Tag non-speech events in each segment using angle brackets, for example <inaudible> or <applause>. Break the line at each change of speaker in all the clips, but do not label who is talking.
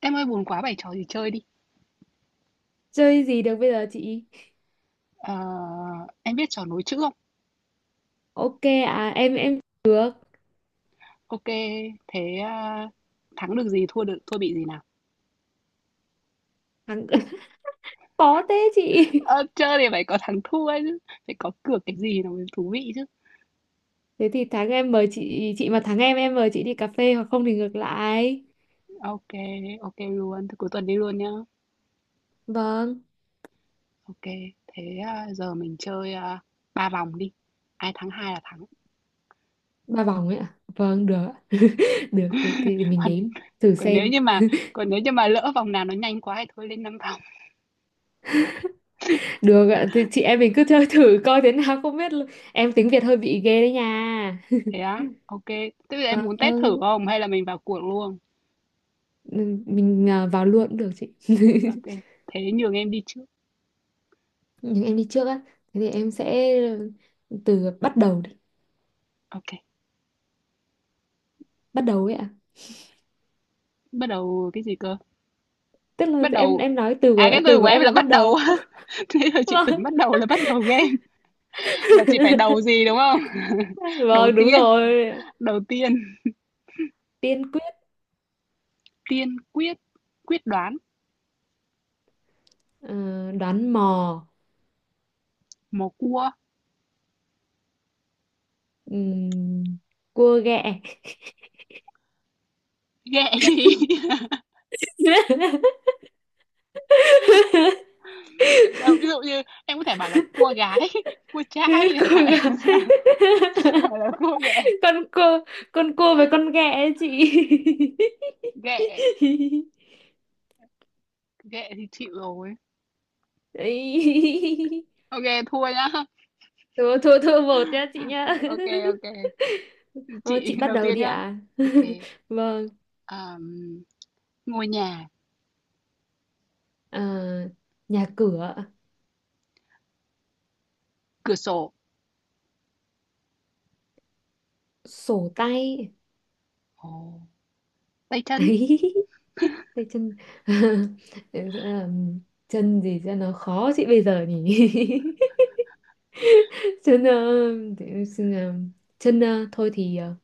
Em ơi buồn quá bày trò gì chơi đi.
Chơi gì được bây giờ chị?
Ờ, em biết trò nối chữ không?
Ok. À, em được.
Ok, thế à, thắng được gì, thua bị gì nào?
Thắng. <laughs> Khó thế chị.
Ờ, chơi thì phải có thắng thua ấy chứ, phải có cược cái gì nó mới thú vị chứ.
Thế thì thắng em mời chị mà thắng em mời chị đi cà phê, hoặc không thì ngược lại.
Ok, ok luôn, thế cuối tuần đi luôn nhá.
Vâng.
Ok, thế à, giờ mình chơi à, ba vòng đi. Ai thắng hai là thắng.
Ba vòng ấy ạ? Vâng, được ạ. <laughs> Được thì
<laughs>
mình
Còn,
đếm thử
còn nếu
xem.
như mà còn nếu như mà lỡ vòng nào nó nhanh quá thì thôi lên năm vòng.
Được ạ, thì chị em mình cứ chơi thử coi thế nào, không biết luôn. Em tiếng Việt hơi bị ghê đấy nha. <laughs>
Thế á, ok. Thế bây giờ em muốn test thử
Vâng.
không hay là mình vào cuộc luôn?
Ừ, mình à, vào luôn cũng được chị. <laughs>
Ok, thế nhường em đi trước.
Nhưng em đi trước á. Thế thì em sẽ từ bắt đầu đi.
Ok.
Bắt đầu ấy ạ.
Bắt đầu cái gì cơ?
Tức là
Bắt
em
đầu
em nói từ
à,
của
cái từ
từ
của
của
em
em
là
là bắt
bắt đầu
đầu.
á. <laughs> Thế là
<laughs>
chị tưởng
Vâng.
bắt đầu là bắt đầu game, là chị phải đầu
<laughs>
gì, đúng không? <laughs> Đầu
Vâng, đúng
tiên,
rồi.
đầu tiên,
Tiên quyết.
tiên quyết, quyết đoán,
ờ, đoán mò.
mò cua,
ừm, cua ghẹ.
ghẹ gì?
<laughs>
<laughs> Tại sao? Ví dụ như em có thể bảo là cua gái, <laughs> cua trai chẳng
Cua ghẹ.
hạn, <laughs> hoặc là cua ghẹ.
<laughs> con cua con cua với con ghẹ ấy chị.
Ghẹ,
<laughs>
ghẹ thì chịu rồi.
Ấy.
OK, thua nhá.
Thua, thua, thua một nha chị nha.
OK,
<laughs>
OK.
Ờ,
Chị
chị bắt
đầu
đầu
tiên
đi
nhá.
ạ.
OK.
<laughs> Vâng.
ờm, ngôi nhà,
Ờ, nhà cửa.
cửa sổ.
Sổ tay.
Ồ. Tay chân,
<laughs> Tay chân. <laughs> Em sẽ làm chân gì cho nó khó chị bây giờ nhỉ? <laughs> Chân, để em xin làm chân, thôi thì,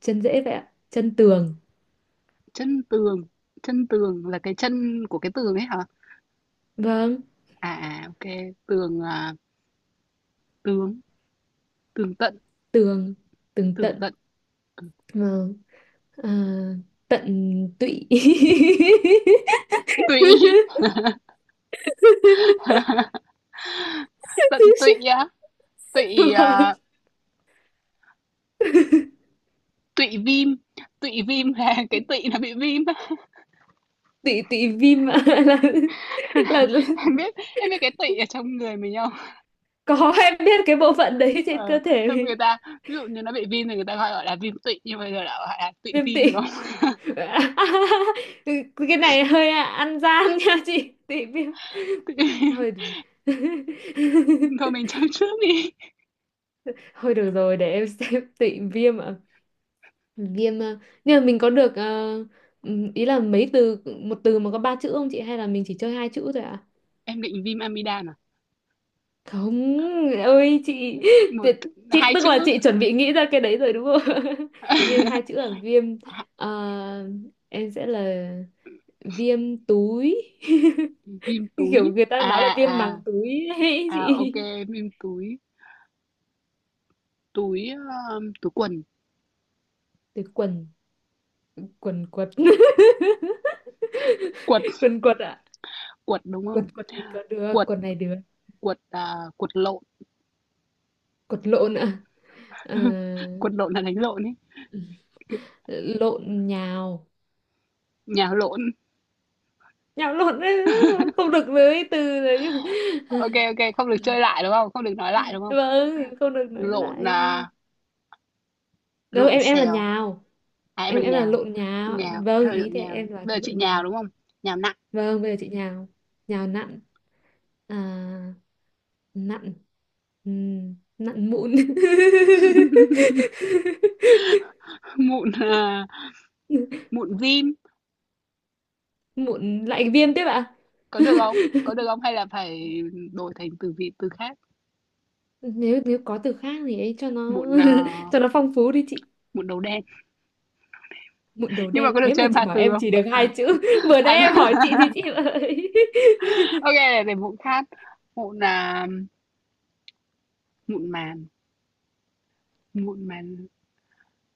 chân dễ vậy ạ. Chân tường.
chân tường, chân tường là cái chân của cái tường ấy hả?
Vâng.
À, à, ok, tường à, tướng, tường tận,
Tường. Tường
tường
tận.
tận, ừ.
Vâng. À, tận tụy. <laughs>
Tụy, <laughs> tận tụy á, tụy
Vâng,
à, tụy viêm, tụy viêm là <laughs> cái tụy nó bị viêm á.
tụy tụy viêm ạ, là, là
<laughs>
là
Em biết cái tụy ở trong người mình không?
Có, em biết cái bộ phận đấy trên
Ờ,
cơ thể.
trong người ta, ví dụ như nó bị viêm thì người ta gọi gọi là viêm tụy, nhưng bây giờ đã gọi là tụy
Viêm
viêm
tị.
được không?
<laughs> Cái này hơi ăn gian nha chị, tị viêm.
<laughs> Tụy viêm.
Hơi.
Thôi
<laughs>
mình chấm trước đi.
Thôi được rồi, để em xem. <laughs> Tị viêm ạ. Viêm, nhưng mà mình có được, ý là mấy từ một từ mà có ba chữ không chị, hay là mình chỉ chơi hai chữ thôi ạ?
Em định viêm amidan à?
Không ơi chị.
Một,
tuyệt- chị
hai
tức là
chữ.
chị chuẩn bị nghĩ ra cái đấy rồi đúng không? <laughs> Viêm hai chữ
<laughs>
là viêm, ờ, em sẽ là viêm túi. <laughs>
Vim
<laughs> Kiểu
túi.
người ta
À,
nói là viêm
à,
màng
à.
túi ấy <laughs>
À,
chị
OK, vim túi. Túi, túi quần.
từ quần. Quần quật.
Quật,
<laughs> Quần quật ạ.
quật đúng
quật
không?
quật này có được.
Quật,
Quần này được.
quật lộn.
Quật lộn ạ. Ờ,
<laughs> Quật lộn là đánh lộn ấy.
lộn nhào.
Nhà lộn.
Nhào lộn ấy, không được lấy từ đấy
OK, OK, không được chơi lại đúng không? Không được nói lại
<laughs>
đúng không?
vâng, không được nói
Lộn,
lại.
à,
Đâu
lộn
em là
xèo.
nhào.
À, em là
Em là
nhào.
lộn nhào.
Nhào,
Vâng,
em lộn
ý thì
nhào.
em đoán
Bây giờ
là
chị
lộn
nhào
nhào.
đúng không? Nhào nặng.
Vâng, bây giờ chị nhào. Nhào nặn. À, nặn. Nặn mụn. <laughs>
<laughs> Mụn, à, mụn vim.
Mụn lại viêm tiếp ạ?
Có được không? Có được không? Hay là phải đổi thành từ vị từ khác?
Nếu nếu có từ khác thì ấy cho nó,
Mụn, à,
<laughs> cho nó phong phú đi chị.
mụn đầu đen.
Mụn đầu
Nhưng mà
đen?
có được
Thế mà
chơi
chị
ba
bảo
từ
em
không?
chỉ được hai chữ. <laughs> Vừa nãy
À,
em hỏi chị thì
<laughs>
chị ơi.
ô để mụn khác. Mụn, là mụn màn, mụn màn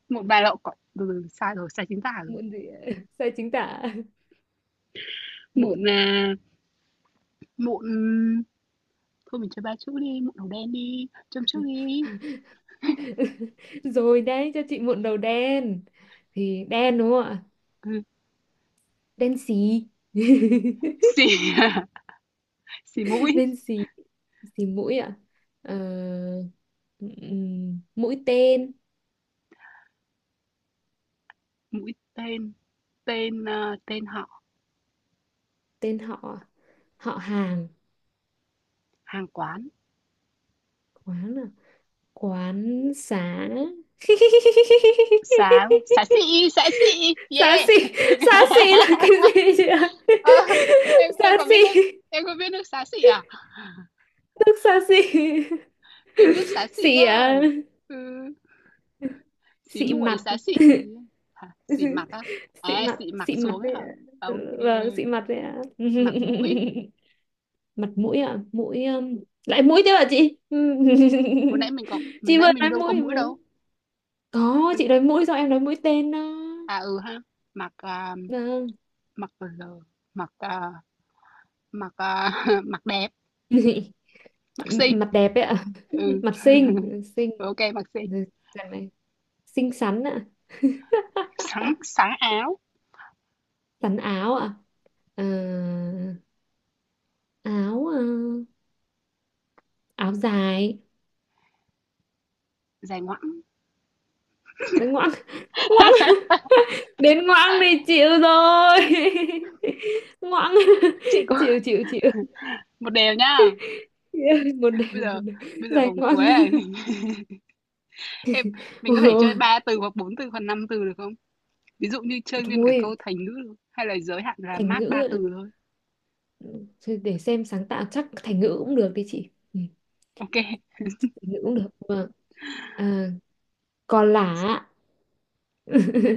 mụn bà lậu cỏ từ từ, sai rồi, sai chính tả
<laughs>
rồi.
Mụn gì ạ? Sai chính tả.
Mụn,
Mụn.
là mụn thôi mình chơi 3 chữ đi, mụn đầu đen đi, châm chước đi.
<laughs> Rồi đấy, cho chị mụn đầu đen thì đen đúng không ạ?
Ừ,
Đen xì. <laughs>
xì <laughs> xì mũi,
Bên xì. Xì mũi ạ. Ờ, mũi tên.
mũi tên, tên, ơ, tên họ,
Tên họ. Họ hàng.
hàng quán,
Quán à? Quán xá. <laughs>
xá xá xị,
Xá
yeah.
xì. Xá xì là cái
<laughs>
gì chị ạ? <laughs>
Ờ, em
Xá
có biết nước
xỉ.
em có biết nước xá xị à?
Nước xá xì.
Cái nước xá
<laughs>
xị
Xỉ
ấy.
à,
Ừ. Xí
xị
muội
mặt.
xá xị
<laughs>
gì hả xỉ mặt á à
Xị mặt.
xị mặt
Xị mặt
xuống ấy
đấy
hả
ạ.
à, ok
Vâng, xị mặt đấy ạ.
mặt mũi
<laughs> Mặt mũi ạ. Mũi, lại mũi thế ạ chị? <laughs>
hồi
Chị
nãy
vừa
mình
nói
đâu có
mũi
mũi
mà.
đâu
Có, chị nói mũi sao em nói mũi tên đó.
à ừ ha mặt à,
Vâng.
mặt l mặt à, mặt à, <laughs> mặt đẹp
<laughs>
mặt xinh
Mặt đẹp ấy ạ.
ừ
Mặt xinh.
<laughs>
Ừ, xinh.
ok mặt xinh
Ừ, gần này. Xinh xắn ạ. <laughs>
sáng sáng áo
Xắn áo ạ. Ờ, áo, áo dài.
dài ngoẵng
Đấy, ngoãng. Ngoãng. Đến ngoãng này chịu rồi. <laughs> Ngoãng.
chị có
Chịu,
<laughs>
chịu, chịu.
một đều nhá
<laughs> Một
bây
đều, một
giờ
đều.
bây giờ
Dài
vòng cuối
ngoằng. <laughs>
này <laughs> em mình có
Ôi
thể
ôi.
chơi ba từ hoặc bốn từ hoặc năm từ được không ví dụ như chơi nguyên cả
Thôi.
câu thành ngữ hay là giới hạn là
Thành
max
ngữ
ba
ạ.
từ thôi.
Thôi để xem sáng tạo, chắc thành ngữ cũng được đi chị. Ừ,
Ok,
thành ngữ cũng được mà. À, còn lả ạ.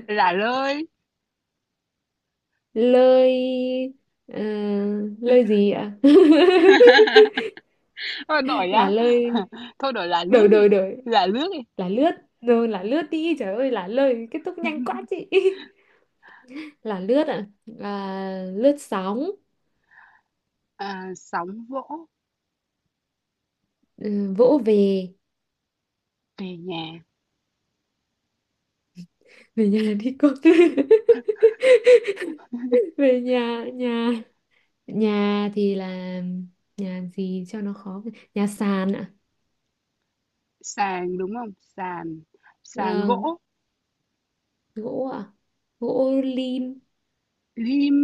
lả lơi.
Lơi. À, lơi gì ạ?
<laughs> Thôi đổi
<laughs>
nhá.
Là lơi.
<laughs> Thôi đổi lả lướt
Đổi,
đi.
đổi, đổi.
Lả lướt đi.
Là lướt. Rồi là lướt đi, trời ơi, là lơi kết thúc nhanh quá
<laughs>
chị. <laughs> Là lướt ạ. À, lướt sóng.
À, sóng vỗ
Ừ, vỗ về.
về nhà.
Về nhà đi con. <laughs> Về nhà. Nhà. Nhà thì là nhà gì cho nó khó. Nhà sàn ạ.
Sàn đúng không? Sàn. Sàn
Là
gỗ.
gỗ ạ. Gỗ lim.
Lim.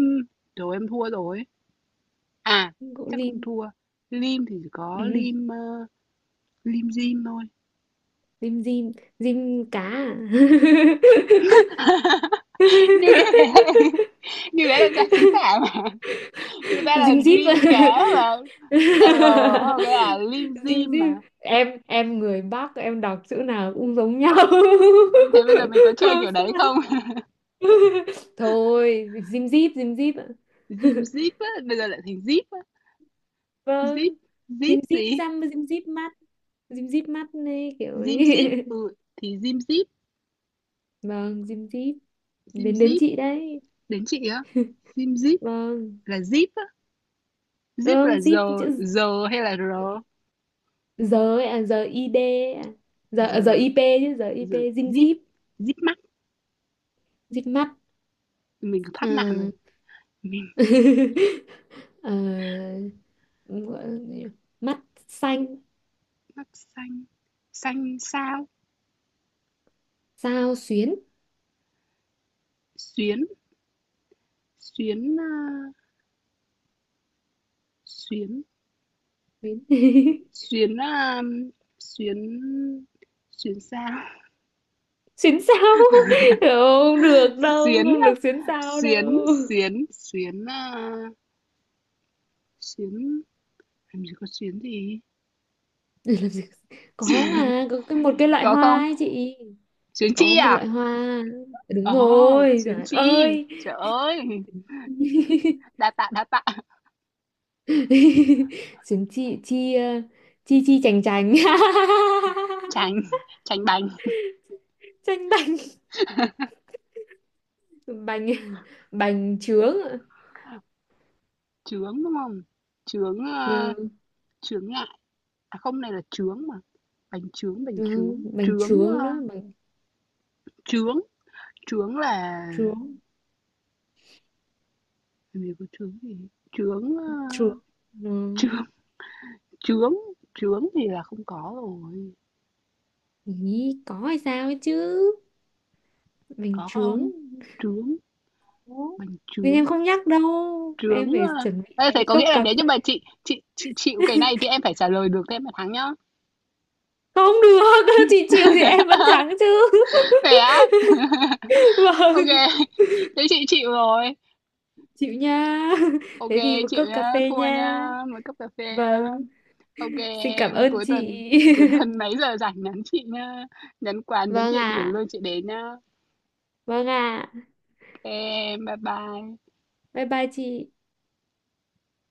Đồ em thua rồi. À,
Gỗ
chắc
lim.
không thua. Lim thì chỉ
Ừ,
có
ừ,
lim dim thôi.
lim dim. Dim cá à?
<laughs> Nhưng như thế là, <laughs>
<laughs>
như thế là dạng chính tả mà. Người ta là
Dim dip ạ.
rim cá mà.
<laughs>
R đúng không? Cái là lim
Dim
dim mà.
dip, em người Bắc, em đọc chữ nào cũng giống nhau.
Thế bây giờ mình có
<laughs>
chơi
Không
kiểu đấy
sao.
không?
<laughs> Thôi, dim díp. Dim díp ạ. <laughs>
Dim Zip á, bây giờ lại thành Zip á. Zip,
Vâng, dim
Zip
díp
gì?
răm, dim díp mắt. Dim díp mắt này kiểu ấy.
Dim Zip, ừ, thì Dim Zip,
<laughs> Vâng, dim díp.
Dim
Đến đến
Zip,
chị đấy.
đến chị á.
<laughs>
Dim Zip
Vâng.
là Zip á, Zip
Vâng,
là
díp
giờ,
chữ
giờ hay là r?
giờ ấy à? Giờ id ấy à? Giờ à, giờ
Giờ,
ip chứ. Giờ ip,
giờ,
dim
Zip,
díp,
Zip mắt
díp mắt.
mình thoát nạn rồi.
À.
Mình
<laughs> Ờ, gọi là gì nhỉ? Mắt xanh.
mắt xanh, xanh sao?
Sao xuyến.
Xuyến, xuyến, ờ, xuyến,
Xuyến. <laughs>
xuyến, ờ, xuyến, xuyến sao?
Xuyến sao. <laughs> Không
<laughs>
được đâu,
Xuyến,
không được xuyến sao
xuyến,
đâu. <laughs>
xuyến, xuyến, ờ, Xuyến làm gì có xuyến gì?
Để làm gì, có
<laughs>
mà, có cái, một cái loại
Có
hoa
không?
ấy chị.
Xuyến
Có
chi
một
à?
loại hoa,
Ồ,
đúng
oh
rồi,
xuyến
trời
chi.
ơi.
Trời ơi,
<laughs>
đa tạ, đa tạ.
Xuyến chi. Chi, chi chi chành chành. <laughs>
Tránh, tránh bánh
Chanh bành. Bành. Bành trướng ạ.
Chướng đúng không? Chướng, ơ,
Vâng.
chướng ngại. À không, này là chướng mà. Bánh chướng.
Vâng, bành trướng đó. Bành
Chướng. Chướng là...
trướng.
Làm gì có chướng gì? Chướng, ơ,
Trướng. Vâng.
chướng, chướng. Chướng thì là không có rồi.
Ý có hay sao ấy chứ. Bình
Có
chướng.
không? Chướng,
Ủa?
bánh
Nhưng
chướng.
em không nhắc đâu,
Trướng,
em phải
à.
chuẩn bị
Ê, thế
lấy
có
cốc
nghĩa là
cà
nếu như mà
phê.
chị chịu cái này thì em phải trả lời được thì em mới thắng nhá.
Không được, <laughs> chị chịu thì em vẫn thắng chứ.
Thế á?
<laughs>
Ok, <laughs>
Vâng,
kê. Thế chị chịu rồi.
chịu nha, <laughs>
Ok,
thế thì một
chịu
cốc cà
nhá,
phê
thua
nha.
nhá, một cốc cà phê nhá.
Vâng,
Ok,
xin cảm
em
ơn
cuối tuần
chị.
cuối
<laughs>
tuần mấy giờ rảnh nhắn chị nhá. Nhắn quán, nhắn
Vâng
địa điểm
ạ.
luôn chị đến nhá.
Vâng ạ.
Ok, bye bye.
Bye bye chị.